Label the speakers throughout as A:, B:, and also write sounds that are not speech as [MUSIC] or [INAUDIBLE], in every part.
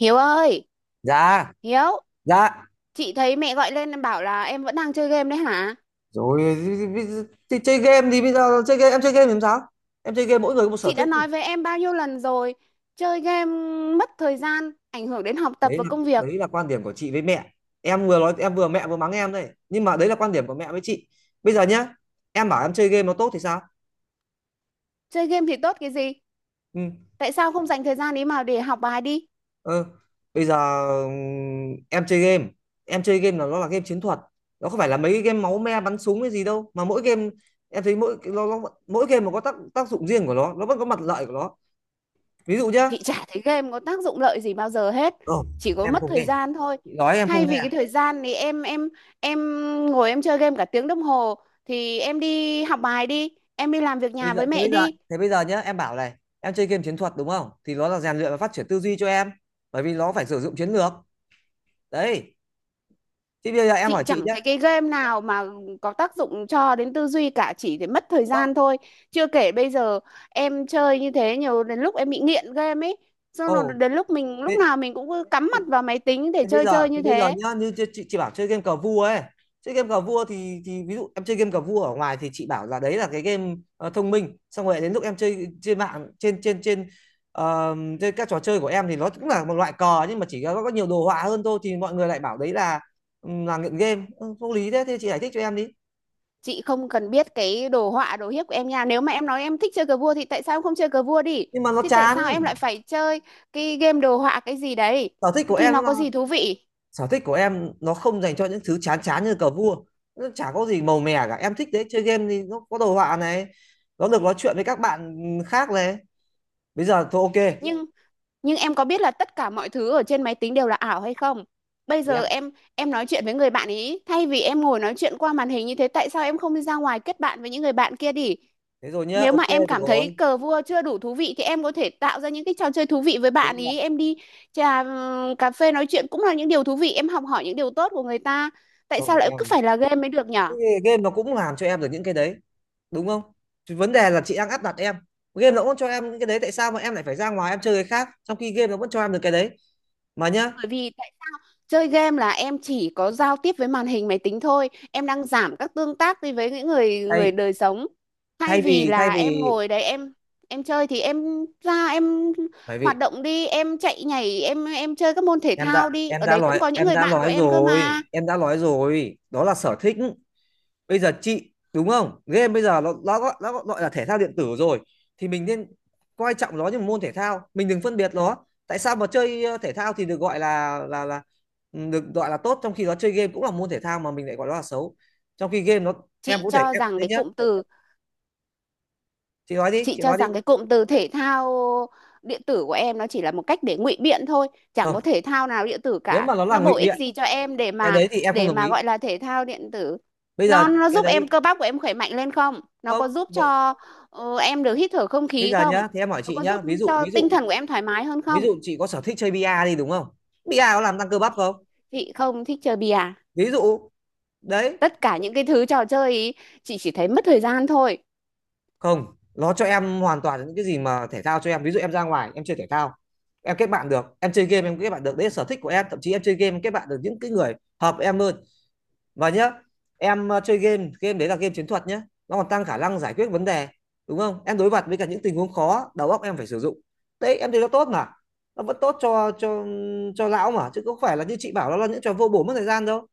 A: Hiếu ơi,
B: Dạ
A: Hiếu,
B: dạ
A: chị thấy mẹ gọi lên em bảo là em vẫn đang chơi game đấy hả?
B: rồi thì, chơi game thì bây giờ chơi game em chơi game thì làm sao? Em chơi game, mỗi người có một sở
A: Chị
B: thích.
A: đã nói với em bao nhiêu lần rồi, chơi game mất thời gian, ảnh hưởng đến học tập
B: đấy
A: và
B: là
A: công việc.
B: Đấy là quan điểm của chị với mẹ. Em vừa nói em vừa mẹ vừa mắng em đây, nhưng mà đấy là quan điểm của mẹ với chị. Bây giờ nhá, em bảo em chơi game nó tốt thì sao?
A: Chơi game thì tốt cái gì?
B: Ừ.
A: Tại sao không dành thời gian ấy mà để học bài đi?
B: Ừ. Bây giờ em chơi game, em chơi game là nó là game chiến thuật. Nó không phải là mấy cái game máu me bắn súng hay gì đâu, mà mỗi game em thấy mỗi nó mỗi game mà có tác tác dụng riêng của nó vẫn có mặt lợi của nó. Ví dụ nhá.
A: Chị chả thấy game có tác dụng lợi gì bao giờ hết,
B: Ờ,
A: chỉ có
B: em
A: mất
B: không
A: thời
B: nghe,
A: gian thôi.
B: chị nói em không
A: Thay
B: nghe
A: vì cái
B: à?
A: thời gian thì em ngồi em chơi game cả tiếng đồng hồ thì em đi học bài đi, em đi làm việc
B: Bây
A: nhà
B: giờ
A: với
B: thế
A: mẹ
B: bây giờ
A: đi.
B: Thế bây giờ nhá, em bảo này, em chơi game chiến thuật đúng không, thì nó là rèn luyện và phát triển tư duy cho em, bởi vì nó phải sử dụng chiến lược. Đấy, thế bây giờ em
A: Chị
B: hỏi chị
A: chẳng
B: nhá.
A: thấy cái game nào mà có tác dụng cho đến tư duy cả, chỉ để mất thời gian
B: Ô.
A: thôi. Chưa kể bây giờ em chơi như thế nhiều, đến lúc em bị nghiện game ấy, xong rồi
B: Ồ,
A: đến lúc mình, lúc
B: thế
A: nào mình cũng cứ cắm mặt vào máy tính để chơi chơi
B: thế
A: như
B: bây giờ
A: thế.
B: nhá, như chị, chị bảo chơi game cờ vua ấy, chơi game cờ vua thì ví dụ em chơi game cờ vua ở ngoài thì chị bảo là đấy là cái game thông minh, xong rồi đến lúc em chơi trên mạng, trên trên trên ờ, trên các trò chơi của em thì nó cũng là một loại cờ, nhưng mà có nhiều đồ họa hơn thôi, thì mọi người lại bảo đấy là nghiện game. Ừ, vô lý, thế thì chị giải thích cho em đi.
A: Chị không cần biết cái đồ họa đồ hiếp của em nha, nếu mà em nói em thích chơi cờ vua thì tại sao em không chơi cờ vua đi?
B: Nhưng mà nó
A: Thì tại sao
B: chán.
A: em lại phải chơi cái game đồ họa cái gì đấy?
B: sở thích của
A: Thì
B: em
A: nó
B: là
A: có gì thú vị?
B: Sở thích của em nó không dành cho những thứ chán chán như cờ vua. Nó chả có gì màu mè cả, em thích đấy, chơi game thì nó có đồ họa này, nó được nói chuyện với các bạn khác này. Bây giờ thôi, ok.
A: Nhưng Nhưng em có biết là tất cả mọi thứ ở trên máy tính đều là ảo hay không? Bây
B: thì
A: giờ
B: em
A: em nói chuyện với người bạn ý, thay vì em ngồi nói chuyện qua màn hình như thế, tại sao em không đi ra ngoài kết bạn với những người bạn kia đi?
B: Thế rồi nhá,
A: Nếu mà
B: ok
A: em
B: được
A: cảm thấy
B: rồi.
A: cờ vua chưa đủ thú vị thì em có thể tạo ra những cái trò chơi thú vị với
B: Thế
A: bạn
B: bây giờ.
A: ý, em đi trà, cà phê nói chuyện cũng là những điều thú vị, em học hỏi những điều tốt của người ta. Tại
B: Không
A: sao lại
B: em,
A: cứ phải là game mới được nhở?
B: cái game nó cũng làm cho em được những cái đấy, đúng không? Thì vấn đề là chị đang áp đặt em, game nó cũng cho em những cái đấy, tại sao mà em lại phải ra ngoài em chơi cái khác trong khi game nó vẫn cho em được cái đấy mà nhá.
A: Bởi vì chơi game là em chỉ có giao tiếp với màn hình máy tính thôi. Em đang giảm các tương tác đi với những người người
B: Thay
A: đời sống. Thay vì
B: thay
A: là em
B: vì
A: ngồi đấy em chơi thì em ra em
B: bởi vì
A: hoạt động đi, em chạy nhảy, em chơi các môn thể thao đi. Ở đấy cũng có những
B: em
A: người
B: đã
A: bạn của
B: nói
A: em cơ
B: rồi
A: mà.
B: em đã nói rồi đó là sở thích. Bây giờ chị đúng không, game bây giờ nó gọi là thể thao điện tử rồi, thì mình nên coi trọng nó như một môn thể thao, mình đừng phân biệt nó. Tại sao mà chơi thể thao thì được gọi là được gọi là tốt, trong khi đó chơi game cũng là môn thể thao mà mình lại gọi nó là xấu? Trong khi game nó em
A: Chị
B: cũng thể
A: cho
B: em
A: rằng
B: đấy
A: cái
B: nhá,
A: cụm từ
B: chị nói đi,
A: chị
B: chị
A: cho
B: nói đi.
A: rằng cái cụm từ thể thao điện tử của em nó chỉ là một cách để ngụy biện thôi, chẳng có
B: Không,
A: thể thao nào điện tử
B: nếu
A: cả,
B: mà nó là
A: nó
B: ngụy
A: bổ ích
B: biện
A: gì cho em để
B: cái
A: mà,
B: đấy thì em không
A: để
B: đồng
A: mà
B: ý.
A: gọi là thể thao điện tử?
B: Bây giờ
A: Nó
B: cái
A: giúp em
B: đấy
A: cơ bắp của em khỏe mạnh lên không, nó
B: không,
A: có giúp cho em được hít thở không
B: bây
A: khí
B: giờ
A: không,
B: nhá, thì em hỏi
A: nó
B: chị
A: có
B: nhá,
A: giúp
B: ví dụ
A: cho
B: ví
A: tinh
B: dụ
A: thần của em thoải mái hơn
B: ví
A: không?
B: dụ chị có sở thích chơi bia đi, đúng không, bia có làm tăng cơ bắp không?
A: Chị không thích chơi bìa.
B: Ví dụ đấy.
A: Tất cả những cái thứ trò chơi ý, chị chỉ thấy mất thời gian thôi.
B: Không, nó cho em hoàn toàn những cái gì mà thể thao cho em. Ví dụ em ra ngoài em chơi thể thao em kết bạn được, em chơi game em kết bạn được, đấy là sở thích của em. Thậm chí em chơi game em kết bạn được những cái người hợp em hơn. Và nhá, em chơi game, game đấy là game chiến thuật nhá, nó còn tăng khả năng giải quyết vấn đề, đúng không? Em đối mặt với cả những tình huống khó, đầu óc em phải sử dụng. Đấy, em thấy nó tốt mà, nó vẫn tốt cho cho lão mà, chứ không phải là như chị bảo nó là những trò vô bổ mất thời gian đâu.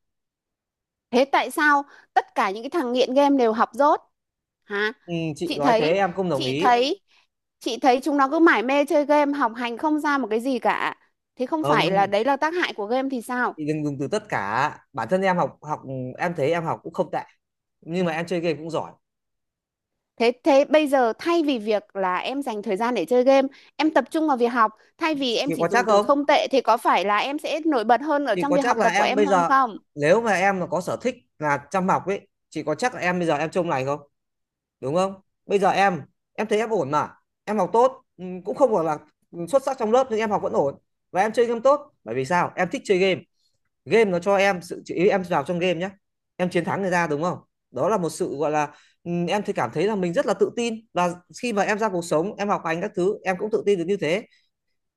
A: Thế tại sao tất cả những cái thằng nghiện game đều học dốt hả?
B: Ừ, chị
A: chị
B: nói thế
A: thấy
B: em không đồng
A: chị
B: ý.
A: thấy chị thấy chúng nó cứ mải mê chơi game học hành không ra một cái gì cả, thế không phải là
B: Không,
A: đấy là tác hại của game thì sao?
B: chị đừng dùng từ tất cả. Bản thân em học học em thấy em học cũng không tệ, nhưng mà em chơi game cũng giỏi.
A: Thế thế bây giờ thay vì việc là em dành thời gian để chơi game, em tập trung vào việc học, thay vì em
B: Thì
A: chỉ
B: có chắc
A: dùng từ
B: không,
A: không tệ thì có phải là em sẽ nổi bật hơn ở
B: thì
A: trong
B: có
A: việc
B: chắc
A: học
B: là
A: tập của
B: em
A: em
B: bây
A: hơn
B: giờ,
A: không?
B: nếu mà em mà có sở thích là chăm học ấy, chị có chắc là em bây giờ em trông này không, đúng không? Bây giờ Em thấy em ổn mà, em học tốt. Ừ, cũng không phải là xuất sắc trong lớp, nhưng em học vẫn ổn, và em chơi game tốt. Bởi vì sao em thích chơi game? Game nó cho em sự ý, em vào trong game nhé, em chiến thắng người ta đúng không, đó là một sự gọi là, ừ, em thì cảm thấy là mình rất là tự tin, và khi mà em ra cuộc sống em học hành các thứ em cũng tự tin được như thế.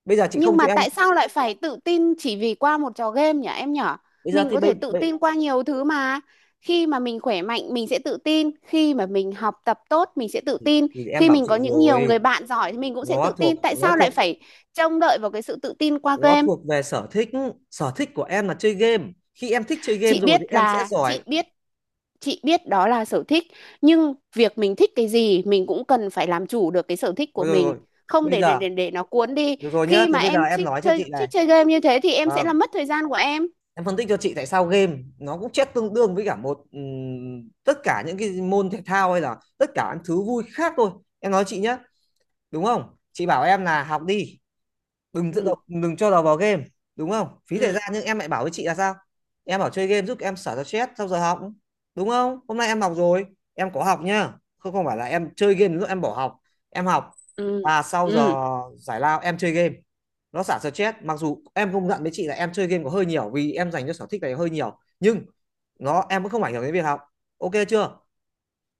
B: Bây giờ chị
A: Nhưng
B: không cho
A: mà
B: em.
A: tại sao lại phải tự tin chỉ vì qua một trò game nhỉ em nhở?
B: bây giờ
A: Mình
B: thì
A: có
B: bây,
A: thể tự
B: bây
A: tin qua nhiều thứ mà. Khi mà mình khỏe mạnh mình sẽ tự tin, khi mà mình học tập tốt mình sẽ tự tin,
B: thì em
A: khi
B: bảo
A: mình
B: chị
A: có những nhiều
B: rồi,
A: người bạn giỏi thì mình cũng sẽ
B: nó
A: tự
B: thuộc
A: tin. Tại
B: nó
A: sao lại
B: thuộc
A: phải trông đợi vào cái sự tự tin qua
B: nó
A: game?
B: thuộc về sở thích. Sở thích của em là chơi game, khi em thích chơi game
A: Chị
B: rồi
A: biết
B: thì em sẽ
A: là
B: giỏi.
A: chị biết chị biết đó là sở thích, nhưng việc mình thích cái gì mình cũng cần phải làm chủ được cái sở thích của
B: rồi rồi,
A: mình,
B: rồi.
A: không
B: Bây
A: để để
B: giờ
A: để, để nó cuốn đi.
B: Rồi, rồi nhá,
A: Khi
B: thì
A: mà
B: bây giờ
A: em
B: em
A: thích
B: nói cho
A: chơi
B: chị này.
A: thích chơi game như thế thì em sẽ
B: Và
A: làm mất thời gian của em.
B: em phân tích cho chị tại sao game nó cũng chết tương đương với cả một tất cả những cái môn thể thao hay là tất cả những thứ vui khác thôi. Em nói chị nhé, đúng không? Chị bảo em là học đi,
A: Ừ.
B: đừng cho đầu vào game, đúng không, phí thời
A: Ừ,
B: gian. Nhưng em lại bảo với chị là sao, em bảo chơi game giúp em xả ra stress sau giờ học, đúng không? Hôm nay em học rồi, em có học nhá, không không phải là em chơi game lúc em bỏ học, em học.
A: ừ,
B: Và sau
A: ừ,
B: giờ giải lao em chơi game, nó xả stress. Mặc dù em công nhận với chị là em chơi game có hơi nhiều, vì em dành cho sở thích này hơi nhiều, nhưng nó em cũng không ảnh hưởng đến việc học, ok chưa?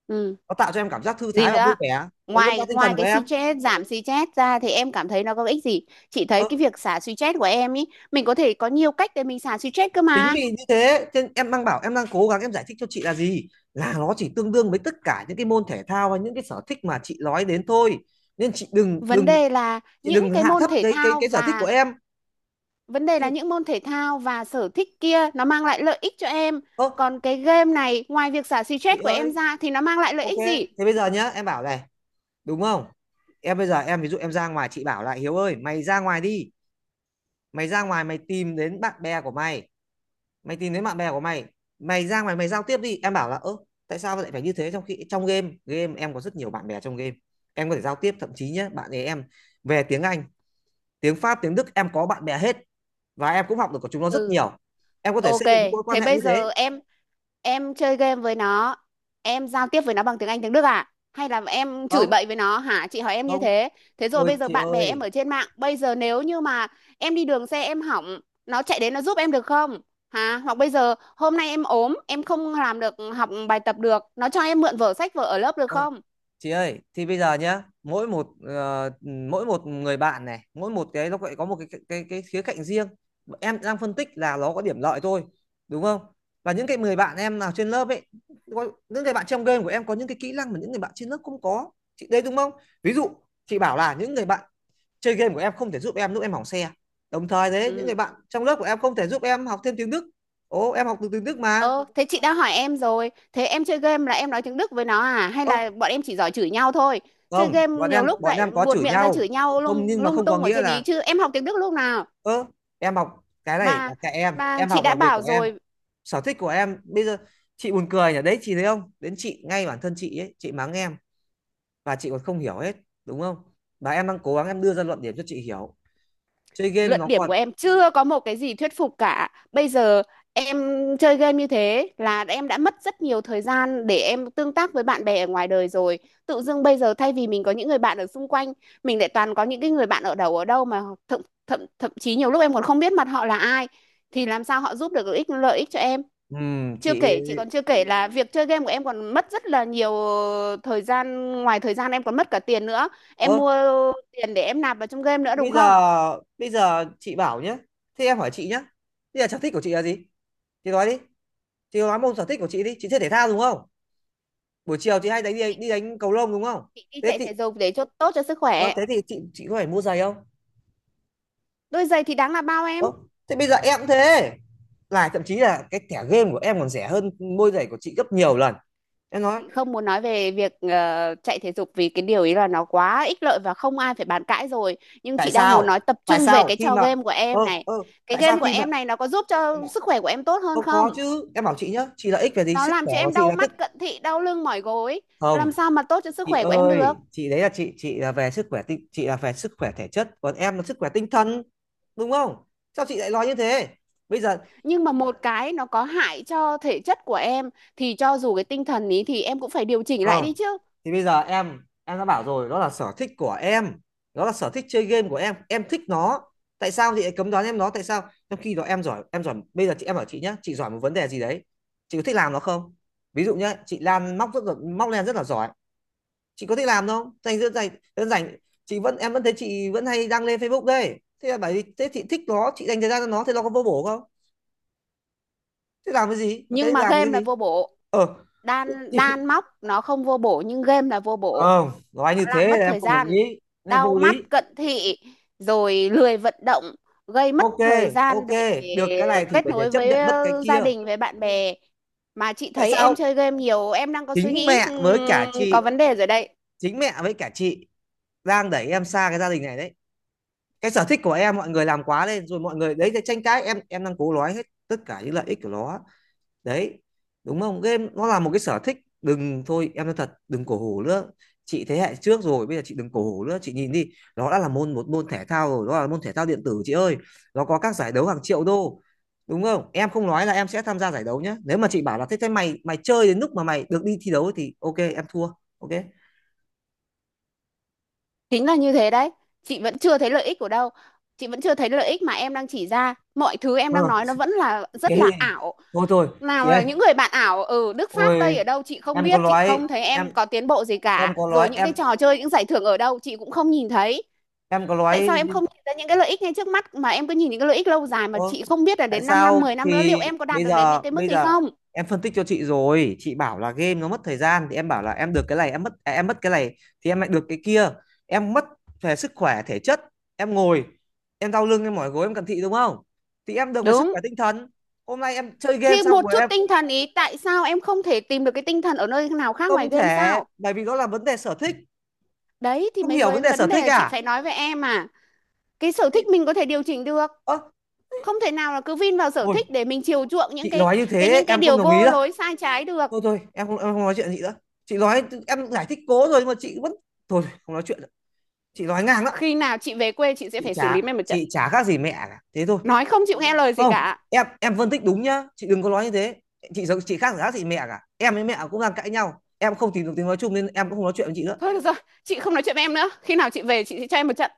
A: ừ.
B: Nó tạo cho em cảm giác thư
A: Gì
B: thái và vui
A: nữa?
B: vẻ, nó nâng cao
A: ngoài
B: tinh
A: ngoài
B: thần của
A: cái
B: em.
A: stress, giảm stress ra thì em cảm thấy nó có ích gì? Chị thấy
B: Ờ,
A: cái việc xả stress của em ý, mình có thể có nhiều cách để mình xả stress cơ
B: chính
A: mà.
B: vì như thế nên em đang bảo, em đang cố gắng em giải thích cho chị là gì, là nó chỉ tương đương với tất cả những cái môn thể thao hay những cái sở thích mà chị nói đến thôi. Nên chị đừng
A: Vấn
B: đừng
A: đề là
B: chị
A: những
B: đừng
A: cái
B: hạ
A: môn
B: thấp
A: thể
B: cái cái
A: thao
B: cái sở thích của
A: và,
B: em.
A: vấn đề
B: Chị
A: là
B: đừng-
A: những môn thể thao và sở thích kia nó mang lại lợi ích cho em,
B: Ơ,
A: còn cái game này ngoài việc xả
B: chị
A: stress của
B: ơi,
A: em ra thì nó mang lại lợi
B: ok,
A: ích gì?
B: thế bây giờ nhá, em bảo này, đúng không? Em bây giờ em ví dụ em ra ngoài, chị bảo là Hiếu ơi mày ra ngoài đi, mày ra ngoài mày tìm đến bạn bè của mày, mày tìm thấy bạn bè của mày, mày ra ngoài mày giao tiếp đi. Em bảo là ơ, tại sao lại phải như thế, trong khi trong game game em có rất nhiều bạn bè trong game, em có thể giao tiếp. Thậm chí nhé, bạn ấy em về tiếng Anh, tiếng Pháp, tiếng Đức em có bạn bè hết, và em cũng học được của chúng nó rất
A: Ừ.
B: nhiều. Em có thể
A: OK.
B: xây dựng những mối quan
A: Thế
B: hệ
A: bây
B: như thế.
A: giờ em chơi game với nó, em giao tiếp với nó bằng tiếng Anh tiếng Đức à hay là em chửi
B: không
A: bậy với nó hả, chị hỏi em như
B: không
A: thế. Thế rồi
B: ôi
A: bây giờ
B: chị
A: bạn bè em
B: ơi.
A: ở trên mạng, bây giờ nếu như mà em đi đường xe em hỏng, nó chạy đến nó giúp em được không? Hả? Hoặc bây giờ hôm nay em ốm em không làm được học bài tập được, nó cho em mượn vở sách vở ở lớp được
B: Ơ,
A: không?
B: chị ơi, thì bây giờ nhá, mỗi một mỗi một người bạn này, mỗi một cái nó lại có một cái khía cạnh riêng. Em đang phân tích là nó có điểm lợi thôi, đúng không? Và những cái người bạn em nào trên lớp ấy, có, những người bạn trong game của em có những cái kỹ năng mà những người bạn trên lớp không có. Chị đấy đúng không? Ví dụ, chị bảo là những người bạn chơi game của em không thể giúp em lúc em hỏng xe. Đồng thời đấy, những
A: Ừ.
B: người bạn trong lớp của em không thể giúp em học thêm tiếng Đức. Ồ, em học từ tiếng Đức mà.
A: Ơ, thế chị đã hỏi em rồi, thế em chơi game là em nói tiếng Đức với nó à hay
B: Ơ,
A: là bọn em chỉ giỏi chửi nhau thôi? Chơi
B: không,
A: game
B: bọn
A: nhiều
B: em
A: lúc
B: bọn
A: lại
B: em có
A: buột
B: chửi
A: miệng ra
B: nhau.
A: chửi nhau
B: Không,
A: lung,
B: nhưng mà
A: lung
B: không có
A: tung ở
B: nghĩa
A: trên
B: là
A: ý, chứ em học tiếng Đức lúc nào?
B: ơ em học cái này
A: Mà
B: là cái em
A: mà
B: em
A: chị
B: học, là
A: đã
B: việc
A: bảo
B: của em,
A: rồi,
B: sở thích của em. Bây giờ chị buồn cười nhỉ, đấy chị thấy không, đến chị ngay bản thân chị ấy chị mắng em và chị còn không hiểu hết, đúng không? Và em đang cố gắng em đưa ra luận điểm cho chị hiểu chơi game
A: luận
B: nó
A: điểm của
B: còn...
A: em chưa có một cái gì thuyết phục cả. Bây giờ em chơi game như thế là em đã mất rất nhiều thời gian để em tương tác với bạn bè ở ngoài đời rồi. Tự dưng bây giờ thay vì mình có những người bạn ở xung quanh, mình lại toàn có những cái người bạn ở đầu ở đâu mà thậm thậm thậm chí nhiều lúc em còn không biết mặt họ là ai thì làm sao họ giúp được lợi ích cho em. Chưa
B: chị...
A: kể chị còn chưa kể là việc chơi game của em còn mất rất là nhiều thời gian, ngoài thời gian em còn mất cả tiền nữa,
B: ơ
A: em mua tiền để em nạp vào trong game nữa đúng
B: bây giờ,
A: không?
B: bây giờ chị bảo nhé, thế em hỏi chị nhé, bây giờ sở thích của chị là gì? Chị nói đi, chị nói môn sở thích của chị đi. Chị chơi thể thao đúng không? Buổi chiều chị hay đánh đi đánh cầu lông đúng không?
A: Chị đi
B: Thế
A: chạy
B: thì
A: thể dục để cho tốt cho sức
B: ờ,
A: khỏe.
B: thế thì chị có phải mua giày không?
A: Đôi giày thì đáng là bao em.
B: Ơ, thế bây giờ em cũng thế, là thậm chí là cái thẻ game của em còn rẻ hơn môi giày của chị gấp nhiều lần. Em nói,
A: Chị không muốn nói về việc chạy thể dục vì cái điều ý là nó quá ích lợi và không ai phải bàn cãi rồi, nhưng
B: tại
A: chị đang muốn
B: sao,
A: nói tập
B: tại
A: trung về
B: sao
A: cái
B: khi
A: trò
B: mà...
A: game của em
B: ơ
A: này.
B: ơ
A: Cái
B: tại sao
A: game của
B: khi mà
A: em này nó có giúp
B: em
A: cho
B: bảo,
A: sức khỏe của em tốt hơn
B: "Ơ, có
A: không?
B: chứ", em bảo chị nhá, chị lợi ích về gì
A: Nó
B: sức
A: làm
B: khỏe
A: cho
B: của
A: em
B: chị
A: đau
B: là tức...
A: mắt cận thị đau lưng mỏi gối,
B: không,
A: làm sao mà tốt cho sức
B: chị
A: khỏe của em được?
B: ơi, chị đấy là chị là về sức khỏe tinh, chị là về sức khỏe thể chất, còn em là sức khỏe tinh thần, đúng không? Sao chị lại nói như thế? Bây giờ
A: Nhưng mà một cái nó có hại cho thể chất của em thì cho dù cái tinh thần ý thì em cũng phải điều chỉnh lại
B: không,
A: đi chứ.
B: thì bây giờ em đã bảo rồi, đó là sở thích của em, đó là sở thích chơi game của em thích nó. Tại sao chị lại cấm đoán em nó, tại sao? Trong khi đó em giỏi, em giỏi. Bây giờ chị, em bảo chị nhé, chị giỏi một vấn đề gì đấy, chị có thích làm nó không? Ví dụ nhé, chị Lan móc, rất là móc len rất là giỏi, chị có thích làm không? Dành rất dành, rất dành, chị vẫn, em vẫn thấy chị vẫn hay đăng lên Facebook đây, thế là bởi vì thế chị thích nó, chị dành thời gian cho nó, thế nó có vô bổ không? Thế làm cái gì,
A: Nhưng mà
B: làm
A: game
B: cái
A: là
B: gì?
A: vô bổ.
B: Ờ.
A: Đan đan
B: [LAUGHS]
A: móc nó không vô bổ nhưng game là vô bổ.
B: Không, nói
A: Nó
B: như thế
A: làm mất
B: là em
A: thời
B: không đồng
A: gian,
B: ý, nên
A: đau
B: vô
A: mắt,
B: lý.
A: cận thị, rồi lười vận động, gây mất
B: Ok,
A: thời gian
B: ok,
A: để
B: được cái này thì
A: kết
B: phải
A: nối
B: chấp
A: với
B: nhận mất cái kia.
A: gia đình với bạn bè. Mà chị
B: Tại
A: thấy
B: sao?
A: em chơi game nhiều, em đang có suy
B: Chính
A: nghĩ
B: mẹ với cả
A: có
B: chị,
A: vấn đề rồi đấy.
B: chính mẹ với cả chị đang đẩy em xa cái gia đình này đấy. Cái sở thích của em mọi người làm quá lên rồi, mọi người đấy cái tranh cãi, em đang cố nói hết tất cả những lợi ích của nó đấy, đúng không? Game nó là một cái sở thích, đừng, thôi em nói thật, đừng cổ hủ nữa. Chị thế hệ trước rồi, bây giờ chị đừng cổ hủ nữa. Chị nhìn đi, nó đã là môn, một môn thể thao rồi, nó là môn thể thao điện tử chị ơi. Nó có các giải đấu hàng triệu đô, đúng không? Em không nói là em sẽ tham gia giải đấu nhé, nếu mà chị bảo là thế, thế mày mày chơi đến lúc mà mày được đi thi đấu thì ok em thua. Ok.
A: Chính là như thế đấy. Chị vẫn chưa thấy lợi ích của đâu, chị vẫn chưa thấy lợi ích mà em đang chỉ ra, mọi thứ em
B: Ừ.
A: đang nói nó vẫn là
B: Thế
A: rất là
B: thì
A: ảo.
B: thôi thôi, chị
A: Nào là
B: ơi,
A: những người bạn ảo ở Đức Pháp
B: ôi,
A: Tây ở đâu chị không
B: em có
A: biết, chị
B: nói,
A: không thấy
B: em
A: em có tiến bộ gì
B: em
A: cả,
B: có
A: rồi
B: nói
A: những
B: em
A: cái trò chơi những giải thưởng ở đâu chị cũng không nhìn thấy.
B: em có
A: Tại
B: nói...
A: sao em không nhìn ra những cái lợi ích ngay trước mắt mà em cứ nhìn những cái lợi ích lâu dài mà
B: Ơ,
A: chị không biết là
B: tại
A: đến 5 năm
B: sao
A: 10
B: thì...
A: năm nữa liệu em có đạt được đến những cái mức
B: bây
A: ấy
B: giờ
A: không?
B: em phân tích cho chị rồi, chị bảo là game nó mất thời gian thì em bảo là em được cái này, em mất à, em mất cái này thì em lại được cái kia. Em mất về sức khỏe thể chất, em ngồi, em đau lưng, em mỏi gối, em cận thị đúng không? Thì em được về sức
A: Đúng.
B: khỏe tinh thần. Hôm nay em chơi game
A: Thì
B: xong
A: một
B: rồi
A: chút
B: em...
A: tinh thần ý, tại sao em không thể tìm được cái tinh thần ở nơi nào khác ngoài
B: không
A: game
B: thể,
A: sao?
B: bởi vì đó là vấn đề sở thích.
A: Đấy thì
B: Không
A: mấy
B: hiểu vấn
A: vấn
B: đề sở
A: vấn đề
B: thích
A: là chị
B: à?
A: phải nói với em à. Cái sở thích
B: Thì,
A: mình có thể điều chỉnh được.
B: ơ,
A: Không thể nào là cứ vin vào sở thích
B: ôi,
A: để mình chiều chuộng những
B: chị
A: cái
B: nói như
A: cái
B: thế
A: những cái
B: em không
A: điều
B: đồng ý
A: vô
B: đâu.
A: lối sai trái được.
B: Thôi thôi, em không, em không nói chuyện chị nữa. Chị nói, em giải thích cố rồi nhưng mà chị vẫn... thôi không nói chuyện nữa. Chị nói ngang đó,
A: Khi nào chị về quê chị sẽ
B: chị
A: phải xử lý
B: chả
A: em một trận.
B: chị chả khác gì mẹ cả, thế thôi.
A: Nói không chịu nghe lời gì
B: Không,
A: cả.
B: em phân tích đúng nhá, chị đừng có nói như thế. Chị giống, chị khác gì, khác chị, mẹ cả em với mẹ cũng đang cãi nhau, em không tìm được tiếng nói chung nên em cũng không nói chuyện với chị nữa.
A: Thôi được rồi, chị không nói chuyện với em nữa. Khi nào chị về chị sẽ cho em một trận.